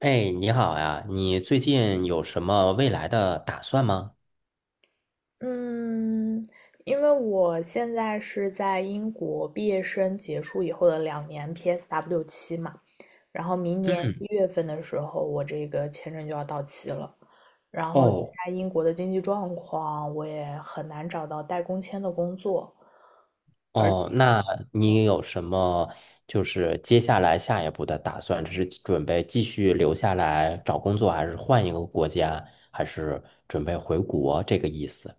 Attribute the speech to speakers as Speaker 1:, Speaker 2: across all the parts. Speaker 1: 哎，你好呀，你最近有什么未来的打算吗？
Speaker 2: 嗯，因为我现在是在英国毕业生结束以后的两年 PSW 期嘛，然后明年一
Speaker 1: 嗯，
Speaker 2: 月份的时候，我这个签证就要到期了。然后，现
Speaker 1: 哦
Speaker 2: 在英国的经济状况，我也很难找到带工签的工作，而。
Speaker 1: 哦，那你有什么接下来下一步的打算？这是准备继续留下来找工作，还是换一个国家，还是准备回国这个意思？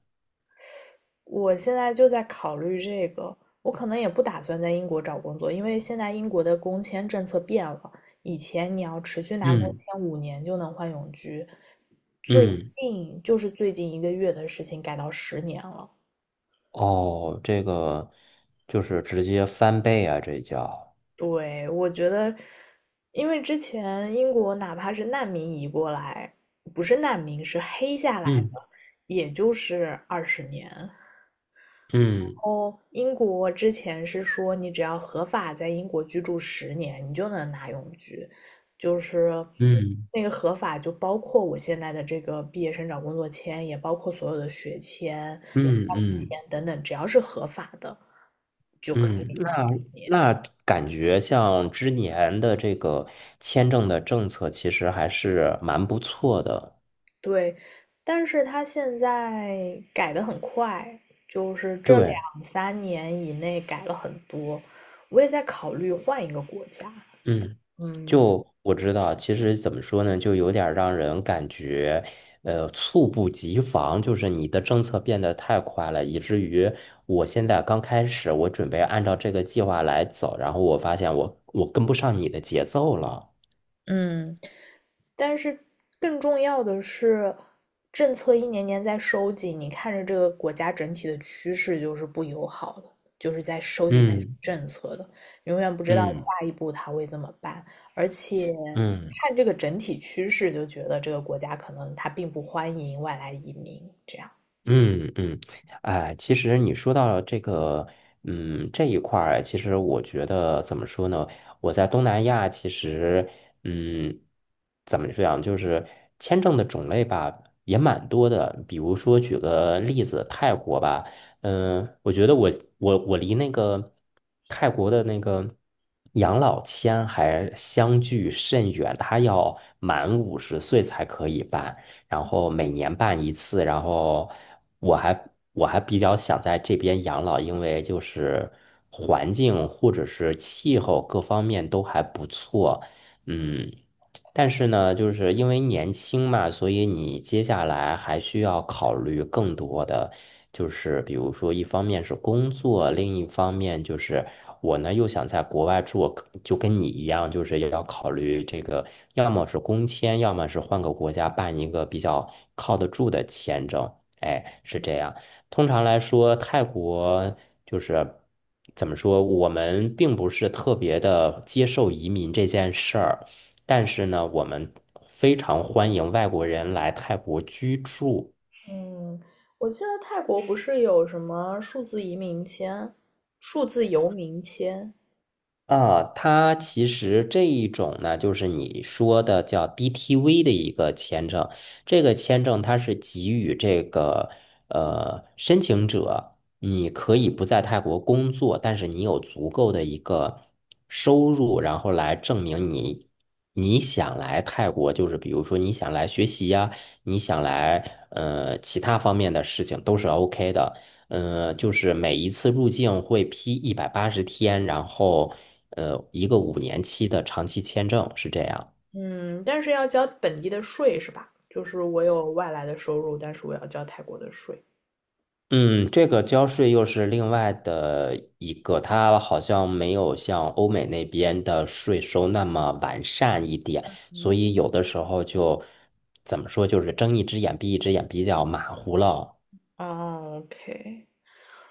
Speaker 2: 我现在就在考虑这个，我可能也不打算在英国找工作，因为现在英国的工签政策变了，以前你要持续拿工
Speaker 1: 嗯
Speaker 2: 签5年就能换永居，最
Speaker 1: 嗯，
Speaker 2: 近就是最近1个月的事情改到十年了。
Speaker 1: 哦，这个就是直接翻倍啊，这叫。
Speaker 2: 对，我觉得，因为之前英国哪怕是难民移过来，不是难民，是黑下来的，
Speaker 1: 嗯
Speaker 2: 也就是20年。
Speaker 1: 嗯
Speaker 2: 哦，英国之前是说，你只要合法在英国居住十年，你就能拿永居，就是
Speaker 1: 嗯
Speaker 2: 那个合法就包括我现在的这个毕业生找工作签，也包括所有的学签、
Speaker 1: 嗯嗯
Speaker 2: 伴侣
Speaker 1: 嗯
Speaker 2: 签等等，只要是合法的就可
Speaker 1: 嗯。
Speaker 2: 以拿十年。
Speaker 1: 那感觉像之年的这个签证的政策，其实还是蛮不错的。
Speaker 2: 对，但是他现在改的很快，就是这
Speaker 1: 对，
Speaker 2: 两三年以内改了很多，我也在考虑换一个国家。
Speaker 1: 嗯，
Speaker 2: 嗯
Speaker 1: 就我知道，其实怎么说呢，就有点儿让人感觉，猝不及防，就是你的政策变得太快了，以至于我现在刚开始，我准备按照这个计划来走，然后我发现我跟不上你的节奏了。
Speaker 2: 嗯，但是更重要的是，政策一年年在收紧，你看着这个国家整体的趋势就是不友好的，就是在收紧
Speaker 1: 嗯
Speaker 2: 政策的，永远不知道
Speaker 1: 嗯
Speaker 2: 下一步他会怎么办，而且
Speaker 1: 嗯。
Speaker 2: 看这个整体趋势就觉得这个国家可能它并不欢迎外来移民，这样。
Speaker 1: 嗯嗯，哎，其实你说到这个，嗯，这一块儿，其实我觉得怎么说呢？我在东南亚，其实，嗯，怎么讲，就是签证的种类吧，也蛮多的。比如说，举个例子，泰国吧，嗯，我觉得我离那个泰国的那个养老签还相距甚远，他要满五十岁才可以办。然后每年办一次，然后我还我还比较想在这边养老，因为就是环境或者是气候各方面都还不错，嗯。但是呢，就是因为年轻嘛，所以你接下来还需要考虑更多的，就是比如说，一方面是工作，另一方面就是我呢又想在国外住，就跟你一样，就是也要考虑这个，要么是工签，要么是换个国家办一个比较靠得住的签证。哎，是这样。通常来说，泰国就是怎么说，我们并不是特别的接受移民这件事儿。但是呢，我们非常欢迎外国人来泰国居住。
Speaker 2: 嗯，我记得泰国不是有什么数字移民签、数字游民签？
Speaker 1: 啊，它其实这一种呢，就是你说的叫 DTV 的一个签证。这个签证它是给予这个申请者，你可以不在泰国工作，但是你有足够的一个收入，然后来证明你想来泰国，就是比如说你想来学习呀，你想来其他方面的事情都是 OK 的。就是每一次入境会批一百八十天，然后一个五年期的长期签证是这样。
Speaker 2: 嗯，但是要交本地的税是吧？就是我有外来的收入，但是我要交泰国的税。
Speaker 1: 嗯，这个交税又是另外的一个，它好像没有像欧美那边的税收那么完善一点，所以有的时候就怎么说，就是睁一只眼闭一只眼，比较马虎了。
Speaker 2: 哦，OK，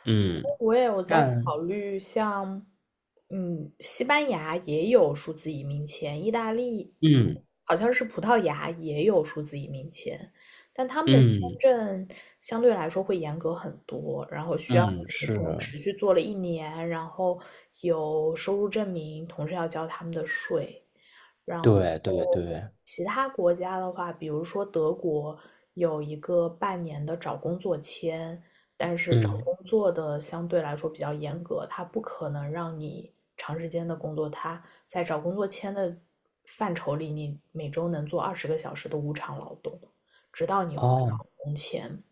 Speaker 1: 嗯，
Speaker 2: 我也有在
Speaker 1: 但
Speaker 2: 考虑像，西班牙也有数字移民签，意大利好像是葡萄牙也有数字移民签，但他们
Speaker 1: 嗯
Speaker 2: 的签
Speaker 1: 嗯
Speaker 2: 证相对来说会严格很多，然后需要
Speaker 1: 嗯嗯，
Speaker 2: 你
Speaker 1: 是，
Speaker 2: 可能持续做了一年，然后有收入证明，同时要交他们的税。然后
Speaker 1: 对对对，
Speaker 2: 其他国家的话，比如说德国有一个半年的找工作签，但是找
Speaker 1: 嗯，
Speaker 2: 工作的相对来说比较严格，它不可能让你长时间的工作。它在找工作签的范畴里，你每周能做20个小时的无偿劳动，直到你还
Speaker 1: 哦。
Speaker 2: 工签。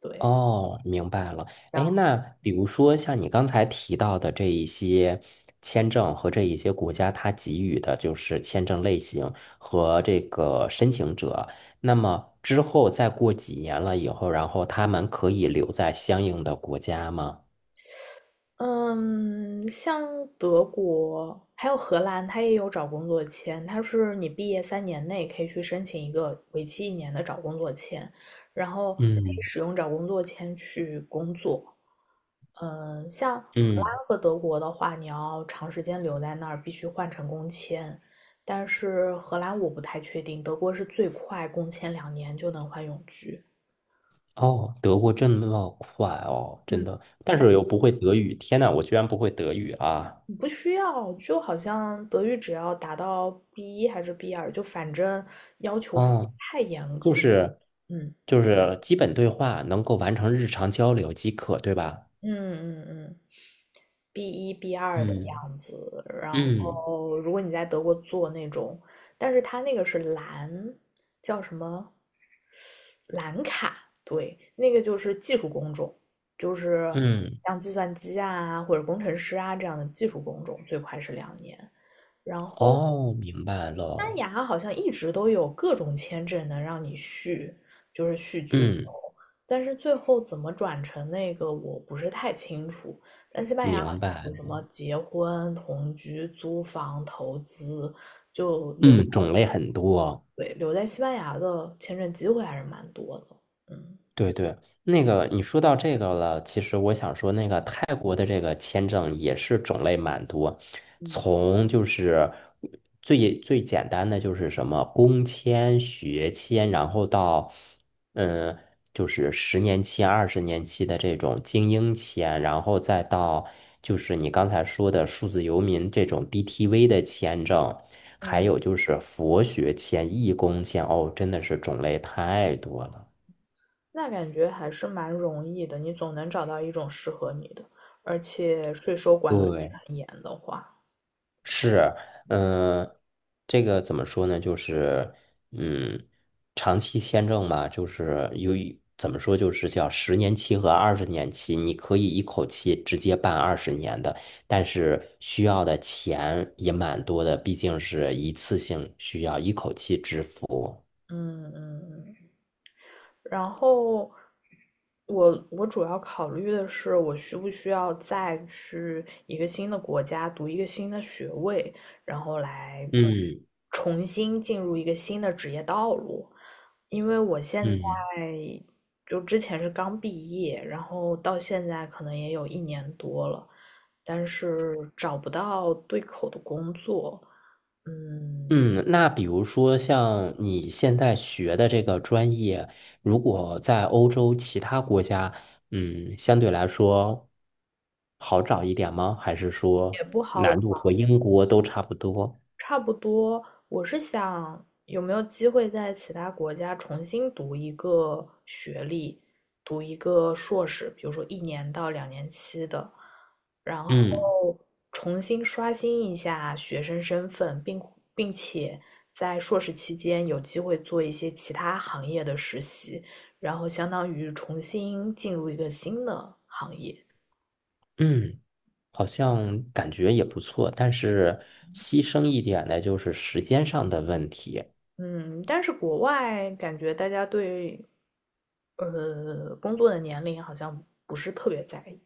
Speaker 2: 对，
Speaker 1: 哦，明白了。哎，
Speaker 2: 让
Speaker 1: 那比如说像你刚才提到的这一些签证和这一些国家它给予的就是签证类型和这个申请者，那么之后再过几年了以后，然后他们可以留在相应的国家吗？
Speaker 2: 嗯，像德国还有荷兰，它也有找工作签，它是你毕业3年内可以去申请一个为期一年的找工作签，然后可以
Speaker 1: 嗯
Speaker 2: 使用找工作签去工作。嗯，像荷
Speaker 1: 嗯，
Speaker 2: 兰和德国的话，你要长时间留在那儿，必须换成工签。但是荷兰我不太确定，德国是最快工签两年就能换永居。
Speaker 1: 哦，德国这么快哦，真
Speaker 2: 嗯，
Speaker 1: 的，但是又不会德语，天呐，我居然不会德语啊！
Speaker 2: 你不需要，就好像德语只要达到 b 一还是 B2，就反正要求不
Speaker 1: 哦。
Speaker 2: 太严
Speaker 1: 就
Speaker 2: 格。
Speaker 1: 是
Speaker 2: 嗯
Speaker 1: 就是基本对话能够完成日常交流即可，对吧？
Speaker 2: 嗯嗯嗯 b 一 b 二的
Speaker 1: 嗯
Speaker 2: 样子。然
Speaker 1: 嗯
Speaker 2: 后，如果你在德国做那种，但是它那个是蓝，叫什么？蓝卡，对，那个就是技术工种，就是
Speaker 1: 嗯，
Speaker 2: 像计算机啊或者工程师啊这样的技术工种，最快是两年。然后
Speaker 1: 哦，明白
Speaker 2: 西班
Speaker 1: 了，
Speaker 2: 牙好像一直都有各种签证能让你续，就是续居，
Speaker 1: 嗯，
Speaker 2: 但是最后怎么转成那个我不是太清楚。但西班牙好
Speaker 1: 明
Speaker 2: 像有
Speaker 1: 白
Speaker 2: 什
Speaker 1: 了
Speaker 2: 么结婚、同居、租房、投资，就留，
Speaker 1: 嗯，种类很多。
Speaker 2: 对，留在西班牙的签证机会还是蛮多的。嗯。
Speaker 1: 对对，那个你说到这个了，其实我想说，那个泰国的这个签证也是种类蛮多，
Speaker 2: 嗯
Speaker 1: 从就是最最简单的就是什么工签、学签，然后到嗯，就是十年期、二十年期的这种精英签，然后再到就是你刚才说的数字游民这种 DTV 的签证，还
Speaker 2: 嗯，
Speaker 1: 有就是佛学签、义工签，哦，真的是种类太多了。
Speaker 2: 那感觉还是蛮容易的，你总能找到一种适合你的，而且税收管的不是
Speaker 1: 对，
Speaker 2: 很严的话，
Speaker 1: 是，嗯、这个怎么说呢？就是，嗯，长期签证嘛，就是由于怎么说，就是叫十年期和二十年期，你可以一口气直接办二十年的，但是需要的钱也蛮多的，毕竟是一次性需要一口气支付。
Speaker 2: 嗯嗯嗯，然后我主要考虑的是，我需不需要再去一个新的国家读一个新的学位，然后来
Speaker 1: 嗯
Speaker 2: 重新进入一个新的职业道路。因为我现在
Speaker 1: 嗯。
Speaker 2: 就之前是刚毕业，然后到现在可能也有1年多了，但是找不到对口的工作，嗯，
Speaker 1: 嗯，那比如说像你现在学的这个专业，如果在欧洲其他国家，嗯，相对来说好找一点吗？还是
Speaker 2: 也
Speaker 1: 说
Speaker 2: 不好找。
Speaker 1: 难度和英国都差不多？
Speaker 2: 差不多，我是想有没有机会在其他国家重新读一个学历，读一个硕士，比如说一年到两年期的，然后
Speaker 1: 嗯
Speaker 2: 重新刷新一下学生身份，并且在硕士期间有机会做一些其他行业的实习，然后相当于重新进入一个新的行业。
Speaker 1: 嗯，好像感觉也不错，但是牺牲一点的就是时间上的问题。
Speaker 2: 嗯，但是国外感觉大家对工作的年龄好像不是特别在意。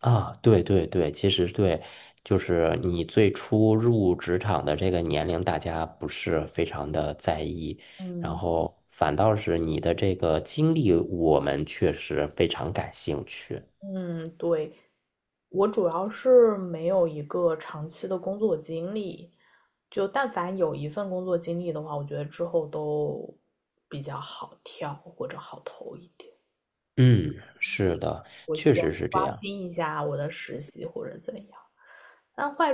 Speaker 1: 啊，对对对，其实对，就是你最初入职场的这个年龄，大家不是非常的在意，然
Speaker 2: 嗯
Speaker 1: 后反倒是你的这个经历，我们确实非常感兴趣。
Speaker 2: 嗯，对，我主要是没有一个长期的工作经历，就但凡有一份工作经历的话，我觉得之后都比较好跳或者好投一点，
Speaker 1: 嗯，是的，确实是这
Speaker 2: 刷
Speaker 1: 样。
Speaker 2: 新一下我的实习或者怎样。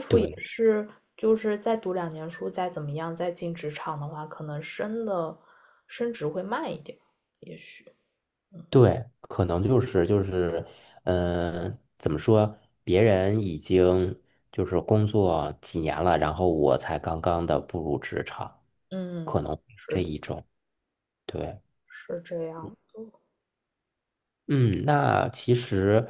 Speaker 1: 对
Speaker 2: 是就是再读两年书，再怎么样，再进职场的话，可能升职会慢一点，也许。嗯
Speaker 1: 对，可能就是，嗯、怎么说？别人已经就是工作几年了，然后我才刚刚的步入职场，可
Speaker 2: 嗯，
Speaker 1: 能
Speaker 2: 是的，
Speaker 1: 对。
Speaker 2: 是这样的。
Speaker 1: 嗯，那其实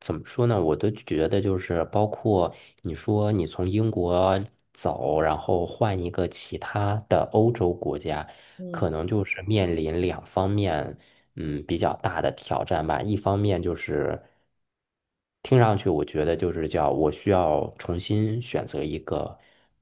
Speaker 1: 怎么说呢？我都觉得就是，包括你说你从英国走，然后换一个其他的欧洲国家，可
Speaker 2: 嗯
Speaker 1: 能就是面临两方面，嗯，比较大的挑战吧。一方面就是听上去我觉得就是叫我需要重新选择一个，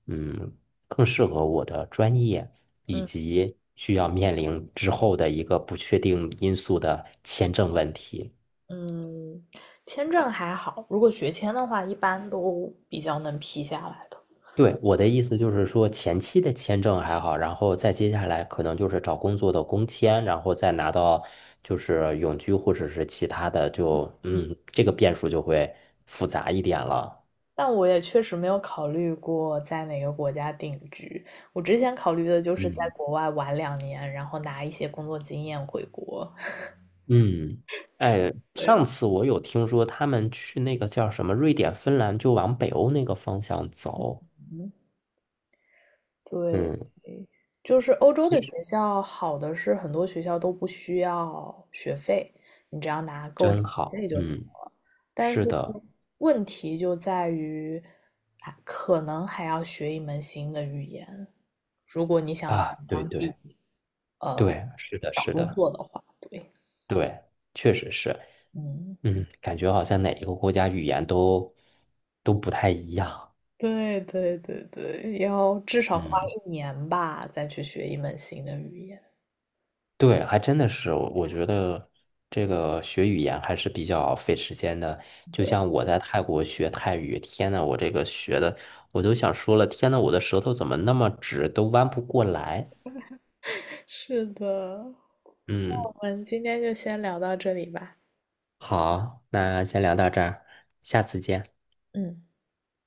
Speaker 1: 嗯，更适合我的专业。以
Speaker 2: 嗯
Speaker 1: 及需要面临之后的一个不确定因素的签证问题。
Speaker 2: 嗯，签证还好，如果学签的话，一般都比较能批下来的。
Speaker 1: 对，我的意思就是说，前期的签证还好，然后再接下来可能就是找工作的工签，然后再拿到就是永居或者是其他的就，嗯，这个变数就会复杂一点了。
Speaker 2: 但我也确实没有考虑过在哪个国家定居。我之前考虑的就是在
Speaker 1: 嗯，
Speaker 2: 国外玩两年，然后拿一些工作经验回国。
Speaker 1: 嗯，哎，上
Speaker 2: 对，
Speaker 1: 次我有听说他们去那个叫什么瑞典、芬兰，就往北欧那个方向走。
Speaker 2: 对，
Speaker 1: 嗯，
Speaker 2: 就是欧洲
Speaker 1: 其
Speaker 2: 的
Speaker 1: 实
Speaker 2: 学校好的是很多学校都不需要学费，你只要拿够学
Speaker 1: 真好。
Speaker 2: 费就行。
Speaker 1: 嗯，
Speaker 2: 但是
Speaker 1: 是的，
Speaker 2: 问题就在于，可能还要学一门新的语言，如果你想在
Speaker 1: 啊，对
Speaker 2: 当地
Speaker 1: 对
Speaker 2: 呃
Speaker 1: 对，是的，
Speaker 2: 找
Speaker 1: 是
Speaker 2: 工
Speaker 1: 的，
Speaker 2: 作的话，对，
Speaker 1: 对，确实是。
Speaker 2: 嗯。
Speaker 1: 嗯，感觉好像哪一个国家语言都不太一样。
Speaker 2: 对对对对，要至少花
Speaker 1: 嗯，
Speaker 2: 一年吧，再去学一门新的语言。
Speaker 1: 对，还真的是，我觉得这个学语言还是比较费时间的。就
Speaker 2: 对，
Speaker 1: 像我在泰国学泰语，天呐，我这个学的，我都想说了，天呐，我的舌头怎么那么直，都弯不过来。
Speaker 2: 是的，
Speaker 1: 嗯，
Speaker 2: 我们今天就先聊到这里吧。
Speaker 1: 好，那先聊到这儿，下次见。
Speaker 2: 嗯。